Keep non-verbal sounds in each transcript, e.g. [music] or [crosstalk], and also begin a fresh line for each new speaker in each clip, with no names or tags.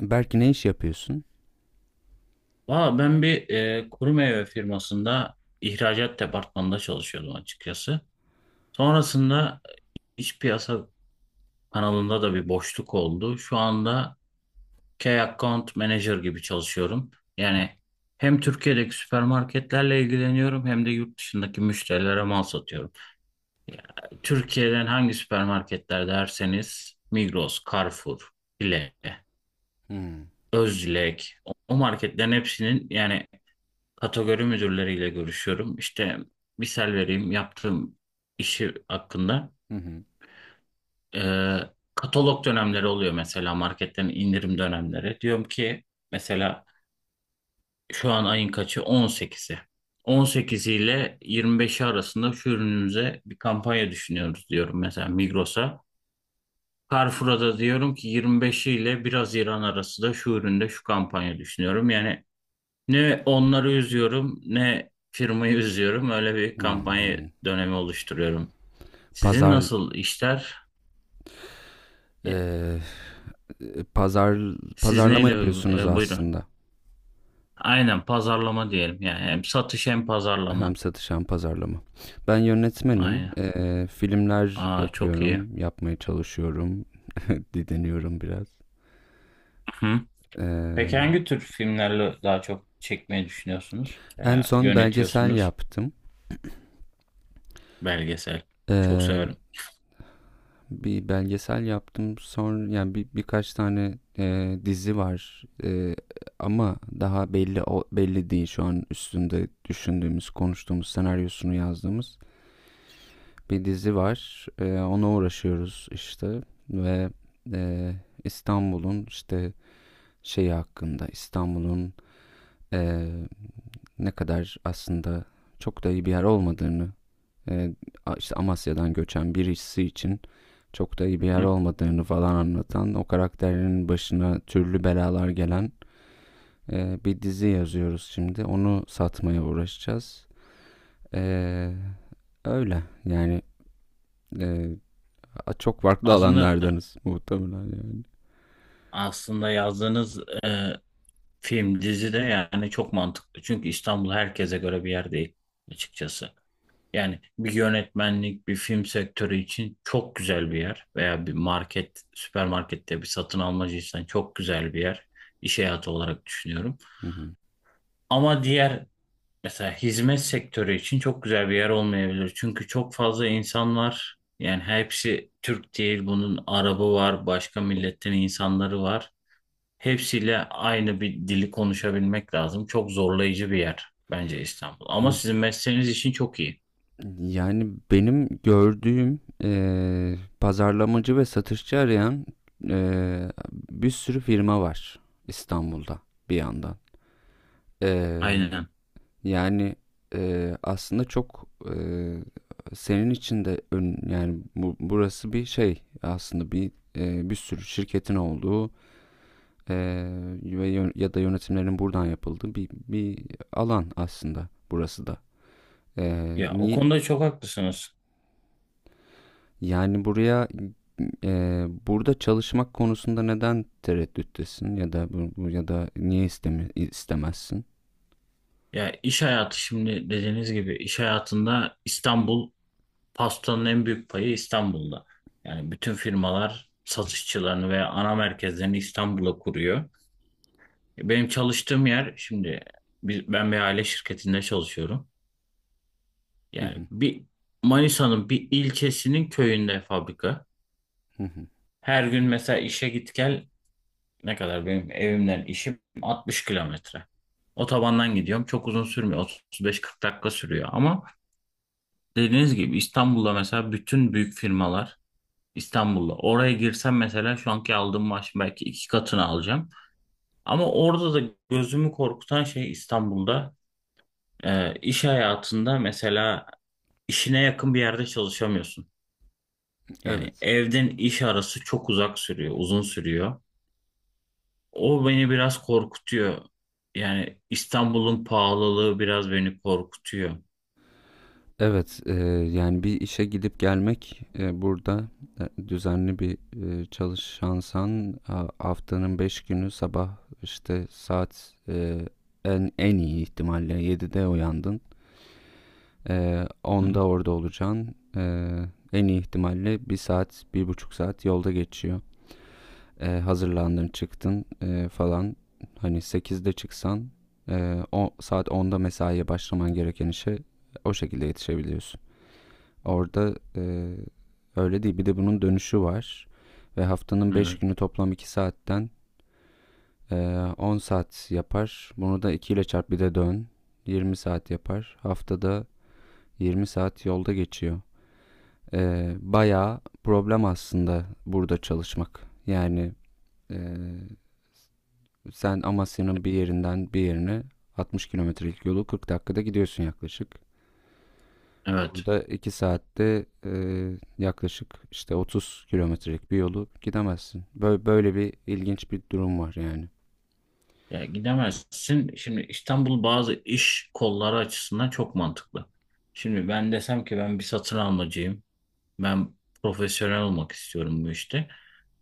Belki ne iş yapıyorsun?
Valla ben bir kuru meyve firmasında ihracat departmanında çalışıyordum açıkçası. Sonrasında iç piyasa kanalında da bir boşluk oldu. Şu anda Key Account Manager gibi çalışıyorum. Yani hem Türkiye'deki süpermarketlerle ilgileniyorum hem de yurt dışındaki müşterilere mal satıyorum. Türkiye'den hangi süpermarketler derseniz Migros, Carrefour, Bile,
Hmm.
Özlek o marketlerin hepsinin yani kategori müdürleriyle görüşüyorum. İşte misal vereyim yaptığım işi hakkında.
Hı hı.
Ee, Katalog dönemleri oluyor mesela marketten indirim dönemleri. Diyorum ki mesela şu an ayın kaçı? 18'i. 18 ile 25'i arasında şu ürünümüze bir kampanya düşünüyoruz diyorum mesela Migros'a. Carrefour'a da diyorum ki 25'i ile 1 Haziran arası da şu üründe şu kampanya düşünüyorum. Yani ne onları üzüyorum ne firmayı üzüyorum. Öyle bir
Hı
kampanya
hı.
dönemi oluşturuyorum. Sizin
Pazar
nasıl işler? E,
eee, pazar
Siz
pazarlama
neyle
yapıyorsunuz
buyurun.
aslında.
Aynen pazarlama diyelim. Yani hem satış hem
Hem
pazarlama.
satış hem pazarlama. Ben yönetmenim.
Aynen.
Filmler
Aa çok iyi.
yapıyorum, yapmaya çalışıyorum, didiniyorum biraz.
Hı. Peki
Eee,
hangi tür filmlerle daha çok çekmeyi düşünüyorsunuz?
en
Veya
son belgesel
yönetiyorsunuz?
yaptım.
Belgesel. Çok
Eee,
severim.
bir belgesel yaptım. Sonra yani birkaç tane dizi var. Ama daha belli belli değil şu an üstünde düşündüğümüz, konuştuğumuz, senaryosunu yazdığımız bir dizi var. Ona uğraşıyoruz işte ve e, İstanbul'un işte şeyi hakkında İstanbul'un, e, ne kadar aslında çok da iyi bir yer olmadığını, e, işte Amasya'dan göçen birisi için çok da iyi bir
Hı
yer
hı.
olmadığını falan anlatan, o karakterin başına türlü belalar gelen bir dizi yazıyoruz şimdi. Onu satmaya uğraşacağız. E, öyle yani, e, çok farklı
Aslında
alanlardanız muhtemelen yani.
aslında yazdığınız film, dizi de yani çok mantıklı. Çünkü İstanbul herkese göre bir yer değil açıkçası. Yani bir yönetmenlik, bir film sektörü için çok güzel bir yer. Veya bir market, süpermarkette bir satın almacıysan çok güzel bir yer. İş hayatı olarak düşünüyorum.
Hı hı.
Ama diğer mesela hizmet sektörü için çok güzel bir yer olmayabilir. Çünkü çok fazla insan var. Yani hepsi Türk değil. Bunun Arabı var, başka milletten insanları var. Hepsiyle aynı bir dili konuşabilmek lazım. Çok zorlayıcı bir yer bence İstanbul. Ama sizin mesleğiniz için çok iyi.
Yani benim gördüğüm, pazarlamacı ve satışçı arayan, e, bir sürü firma var İstanbul'da bir yandan. E,
Aynen.
Yani aslında çok, senin için de, yani burası bir şey aslında, bir sürü şirketin olduğu, ve yön- ya da yönetimlerin buradan yapıldığı bir alan aslında burası da.
Ya o
Ni
konuda çok haklısınız.
yani buraya, burada çalışmak konusunda neden tereddüttesin, ya da niye istemezsin?
Ya iş hayatı şimdi dediğiniz gibi iş hayatında İstanbul pastanın en büyük payı İstanbul'da. Yani bütün firmalar satışçılarını veya ana merkezlerini İstanbul'a kuruyor. Benim çalıştığım yer şimdi ben bir aile şirketinde çalışıyorum.
Hı
Yani
hı.
bir Manisa'nın bir ilçesinin köyünde fabrika.
Hı hı.
Her gün mesela işe git gel ne kadar benim evimden işim 60 kilometre. Otobandan gidiyorum. Çok uzun sürmüyor. 35-40 dakika sürüyor. Ama dediğiniz gibi İstanbul'da mesela bütün büyük firmalar İstanbul'da. Oraya girsem mesela şu anki aldığım maaşın belki 2 katını alacağım. Ama orada da gözümü korkutan şey İstanbul'da iş hayatında mesela işine yakın bir yerde çalışamıyorsun. Yani
Evet.
evden iş arası çok uzak sürüyor, uzun sürüyor. O beni biraz korkutuyor. Yani İstanbul'un pahalılığı biraz beni korkutuyor.
Evet, yani bir işe gidip gelmek, burada, düzenli bir, çalışansan, haftanın 5 günü sabah işte saat, en iyi ihtimalle 7'de uyandın.
Hı.
10'da orada olacaksın. En iyi ihtimalle bir saat, bir buçuk saat yolda geçiyor. Hazırlandın, çıktın, falan. Hani 8'de çıksan, saat onda mesaiye başlaman gereken işe o şekilde yetişebiliyorsun. Orada öyle değil. Bir de bunun dönüşü var. Ve haftanın beş
Evet,
günü toplam 2 saatten, e, 10 saat yapar. Bunu da 2 ile çarp bir de dön. 20 saat yapar. Haftada 20 saat yolda geçiyor. Bayağı problem aslında burada çalışmak. Yani, e, sen Amasya'nın bir yerinden bir yerine 60 kilometrelik yolu 40 dakikada gidiyorsun yaklaşık.
evet.
Burada 2 saatte, yaklaşık işte 30 kilometrelik bir yolu gidemezsin. Böyle bir ilginç bir durum var yani.
Ya gidemezsin. Şimdi İstanbul bazı iş kolları açısından çok mantıklı. Şimdi ben desem ki ben bir satın almacıyım. Ben profesyonel olmak istiyorum bu işte.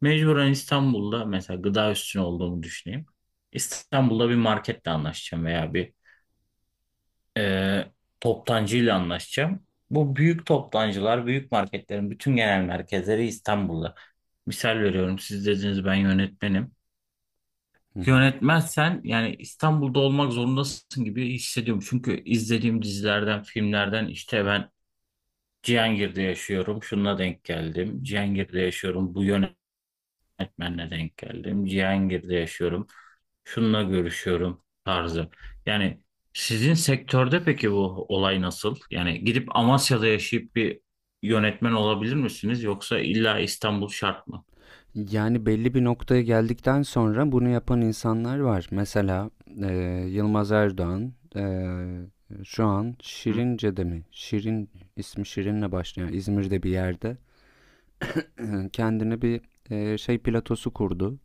Mecburen İstanbul'da mesela gıda üstüne olduğumu düşüneyim. İstanbul'da bir marketle anlaşacağım veya bir e, toptancıyla anlaşacağım. Bu büyük toptancılar, büyük marketlerin bütün genel merkezleri İstanbul'da. Misal veriyorum, siz dediniz ben yönetmenim.
Hı hı.
Yönetmezsen yani İstanbul'da olmak zorundasın gibi hissediyorum. Çünkü izlediğim dizilerden, filmlerden işte ben Cihangir'de yaşıyorum, şununla denk geldim. Cihangir'de yaşıyorum, bu yönetmenle denk geldim. Cihangir'de yaşıyorum. Şununla görüşüyorum tarzı. Yani sizin sektörde peki bu olay nasıl? Yani gidip Amasya'da yaşayıp bir yönetmen olabilir misiniz yoksa illa İstanbul şart mı?
Yani belli bir noktaya geldikten sonra bunu yapan insanlar var. Mesela, e, Yılmaz Erdoğan, şu an
Hı.
Şirince'de mi? İsmi Şirin'le başlayan İzmir'de bir yerde, kendine bir, şey platosu kurdu.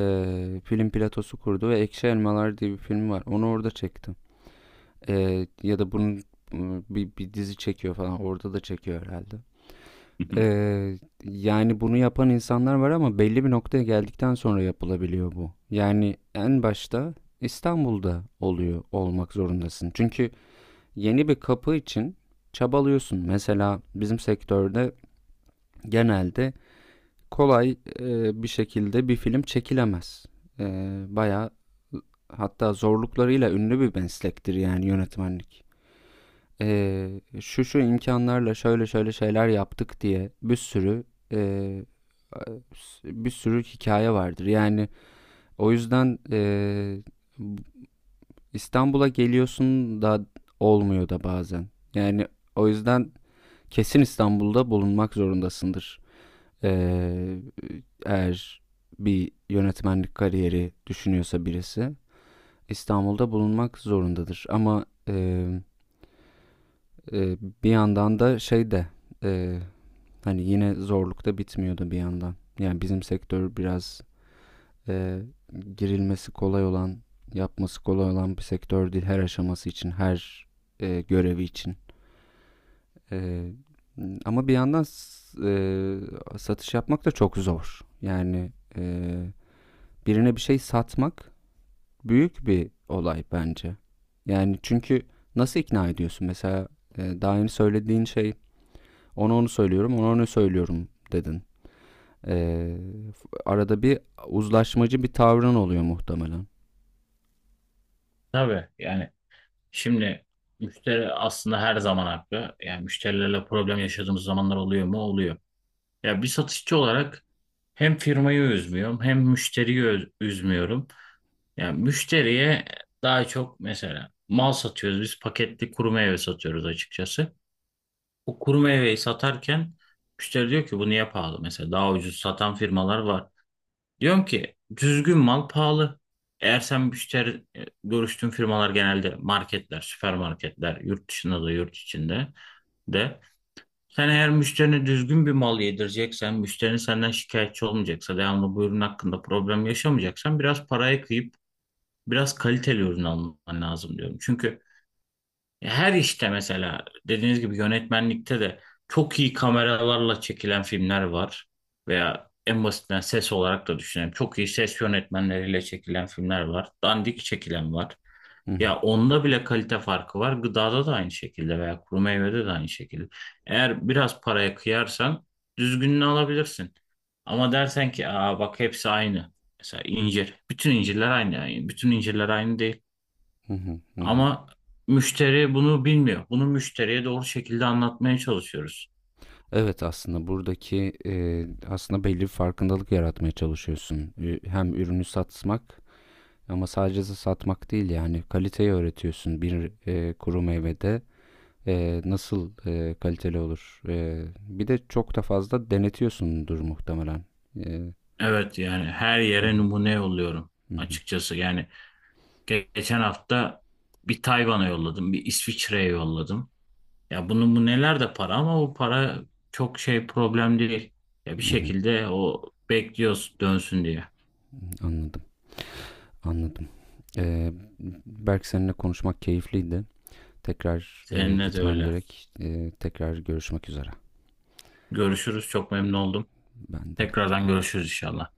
E, film platosu kurdu ve Ekşi Elmalar diye bir film var. Onu orada çekti. Ya da bunun, bir dizi çekiyor falan. Orada da çekiyor herhalde. Eee, yani bunu yapan insanlar var ama belli bir noktaya geldikten sonra yapılabiliyor bu. Yani en başta İstanbul'da oluyor olmak zorundasın. Çünkü yeni bir kapı için çabalıyorsun. Mesela bizim sektörde genelde kolay, bir şekilde bir film çekilemez. E, bayağı, hatta zorluklarıyla ünlü bir meslektir yani yönetmenlik. Şu şu imkanlarla şöyle şöyle şeyler yaptık diye e, bir sürü hikaye vardır. Yani o yüzden, İstanbul'a geliyorsun da olmuyor da bazen. Yani o yüzden kesin İstanbul'da bulunmak zorundasındır. E, eğer bir yönetmenlik kariyeri düşünüyorsa birisi İstanbul'da bulunmak zorundadır. Ama, e, bir yandan da şey de, e, hani yine zorlukta bitmiyordu bir yandan. Yani bizim sektör biraz, e, girilmesi kolay olan, yapması kolay olan bir sektör değil her aşaması için, her, görevi için. E, ama bir yandan, satış yapmak da çok zor. Yani, birine bir şey satmak büyük bir olay bence. Yani çünkü nasıl ikna ediyorsun? Mesela, daha yeni söylediğin şey, ona onu söylüyorum, ona onu söylüyorum dedin. Ee, arada bir uzlaşmacı bir tavrın oluyor muhtemelen.
[laughs] Tabii yani şimdi müşteri aslında her zaman haklı. Yani müşterilerle problem yaşadığımız zamanlar oluyor mu? Oluyor. Ya bir satışçı olarak hem firmayı üzmüyorum hem müşteriyi üzmüyorum. Yani müşteriye daha çok mesela mal satıyoruz biz paketli kuru meyve satıyoruz açıkçası. O kuru meyveyi satarken müşteri diyor ki bu niye pahalı? Mesela daha ucuz satan firmalar var. Diyorum ki düzgün mal pahalı. Eğer sen müşteri görüştüğün firmalar genelde marketler, süpermarketler, yurt dışında da yurt içinde de. Sen eğer müşterine düzgün bir mal yedireceksen, müşterinin senden şikayetçi olmayacaksa, devamlı bu ürün hakkında problem yaşamayacaksan biraz paraya kıyıp biraz kaliteli ürün alman lazım diyorum. Çünkü her işte mesela dediğiniz gibi yönetmenlikte de çok iyi kameralarla çekilen filmler var. Veya en basitinden ses olarak da düşünelim. Çok iyi ses yönetmenleriyle çekilen filmler var. Dandik çekilen var.
Hı hı,
Ya onda bile kalite farkı var. Gıdada da aynı şekilde veya kuru meyvede de aynı şekilde. Eğer biraz paraya kıyarsan düzgününü alabilirsin. Ama dersen ki aa bak hepsi aynı. Mesela incir. Bütün incirler aynı. Yani bütün incirler aynı değil.
hı hı, hı hı.
Ama müşteri bunu bilmiyor. Bunu müşteriye doğru şekilde anlatmaya çalışıyoruz.
Evet, aslında buradaki, aslında belli bir farkındalık yaratmaya çalışıyorsun. Hem ürünü satmak ama sadece satmak değil yani kaliteyi öğretiyorsun. Bir, kuru meyvede, nasıl, kaliteli olur? Bir de çok da fazla denetiyorsundur muhtemelen. E,
Evet yani her
hı
yere
hı,
numune yolluyorum
hı hı,
açıkçası. Yani geçen hafta bir Tayvan'a yolladım, bir İsviçre'ye yolladım. Ya bunun bu neler de para ama bu para çok şey problem değil. Ya bir
hı hı.
şekilde o bekliyoruz dönsün diye.
Anladım, anladım. Ee, Berk seninle konuşmak keyifliydi. Tekrar,
Seninle de
gitmem
öyle.
gerek. Tekrar görüşmek üzere.
Görüşürüz. Çok memnun oldum.
Ben de
Tekrardan
hoşçakal.
görüşürüz inşallah.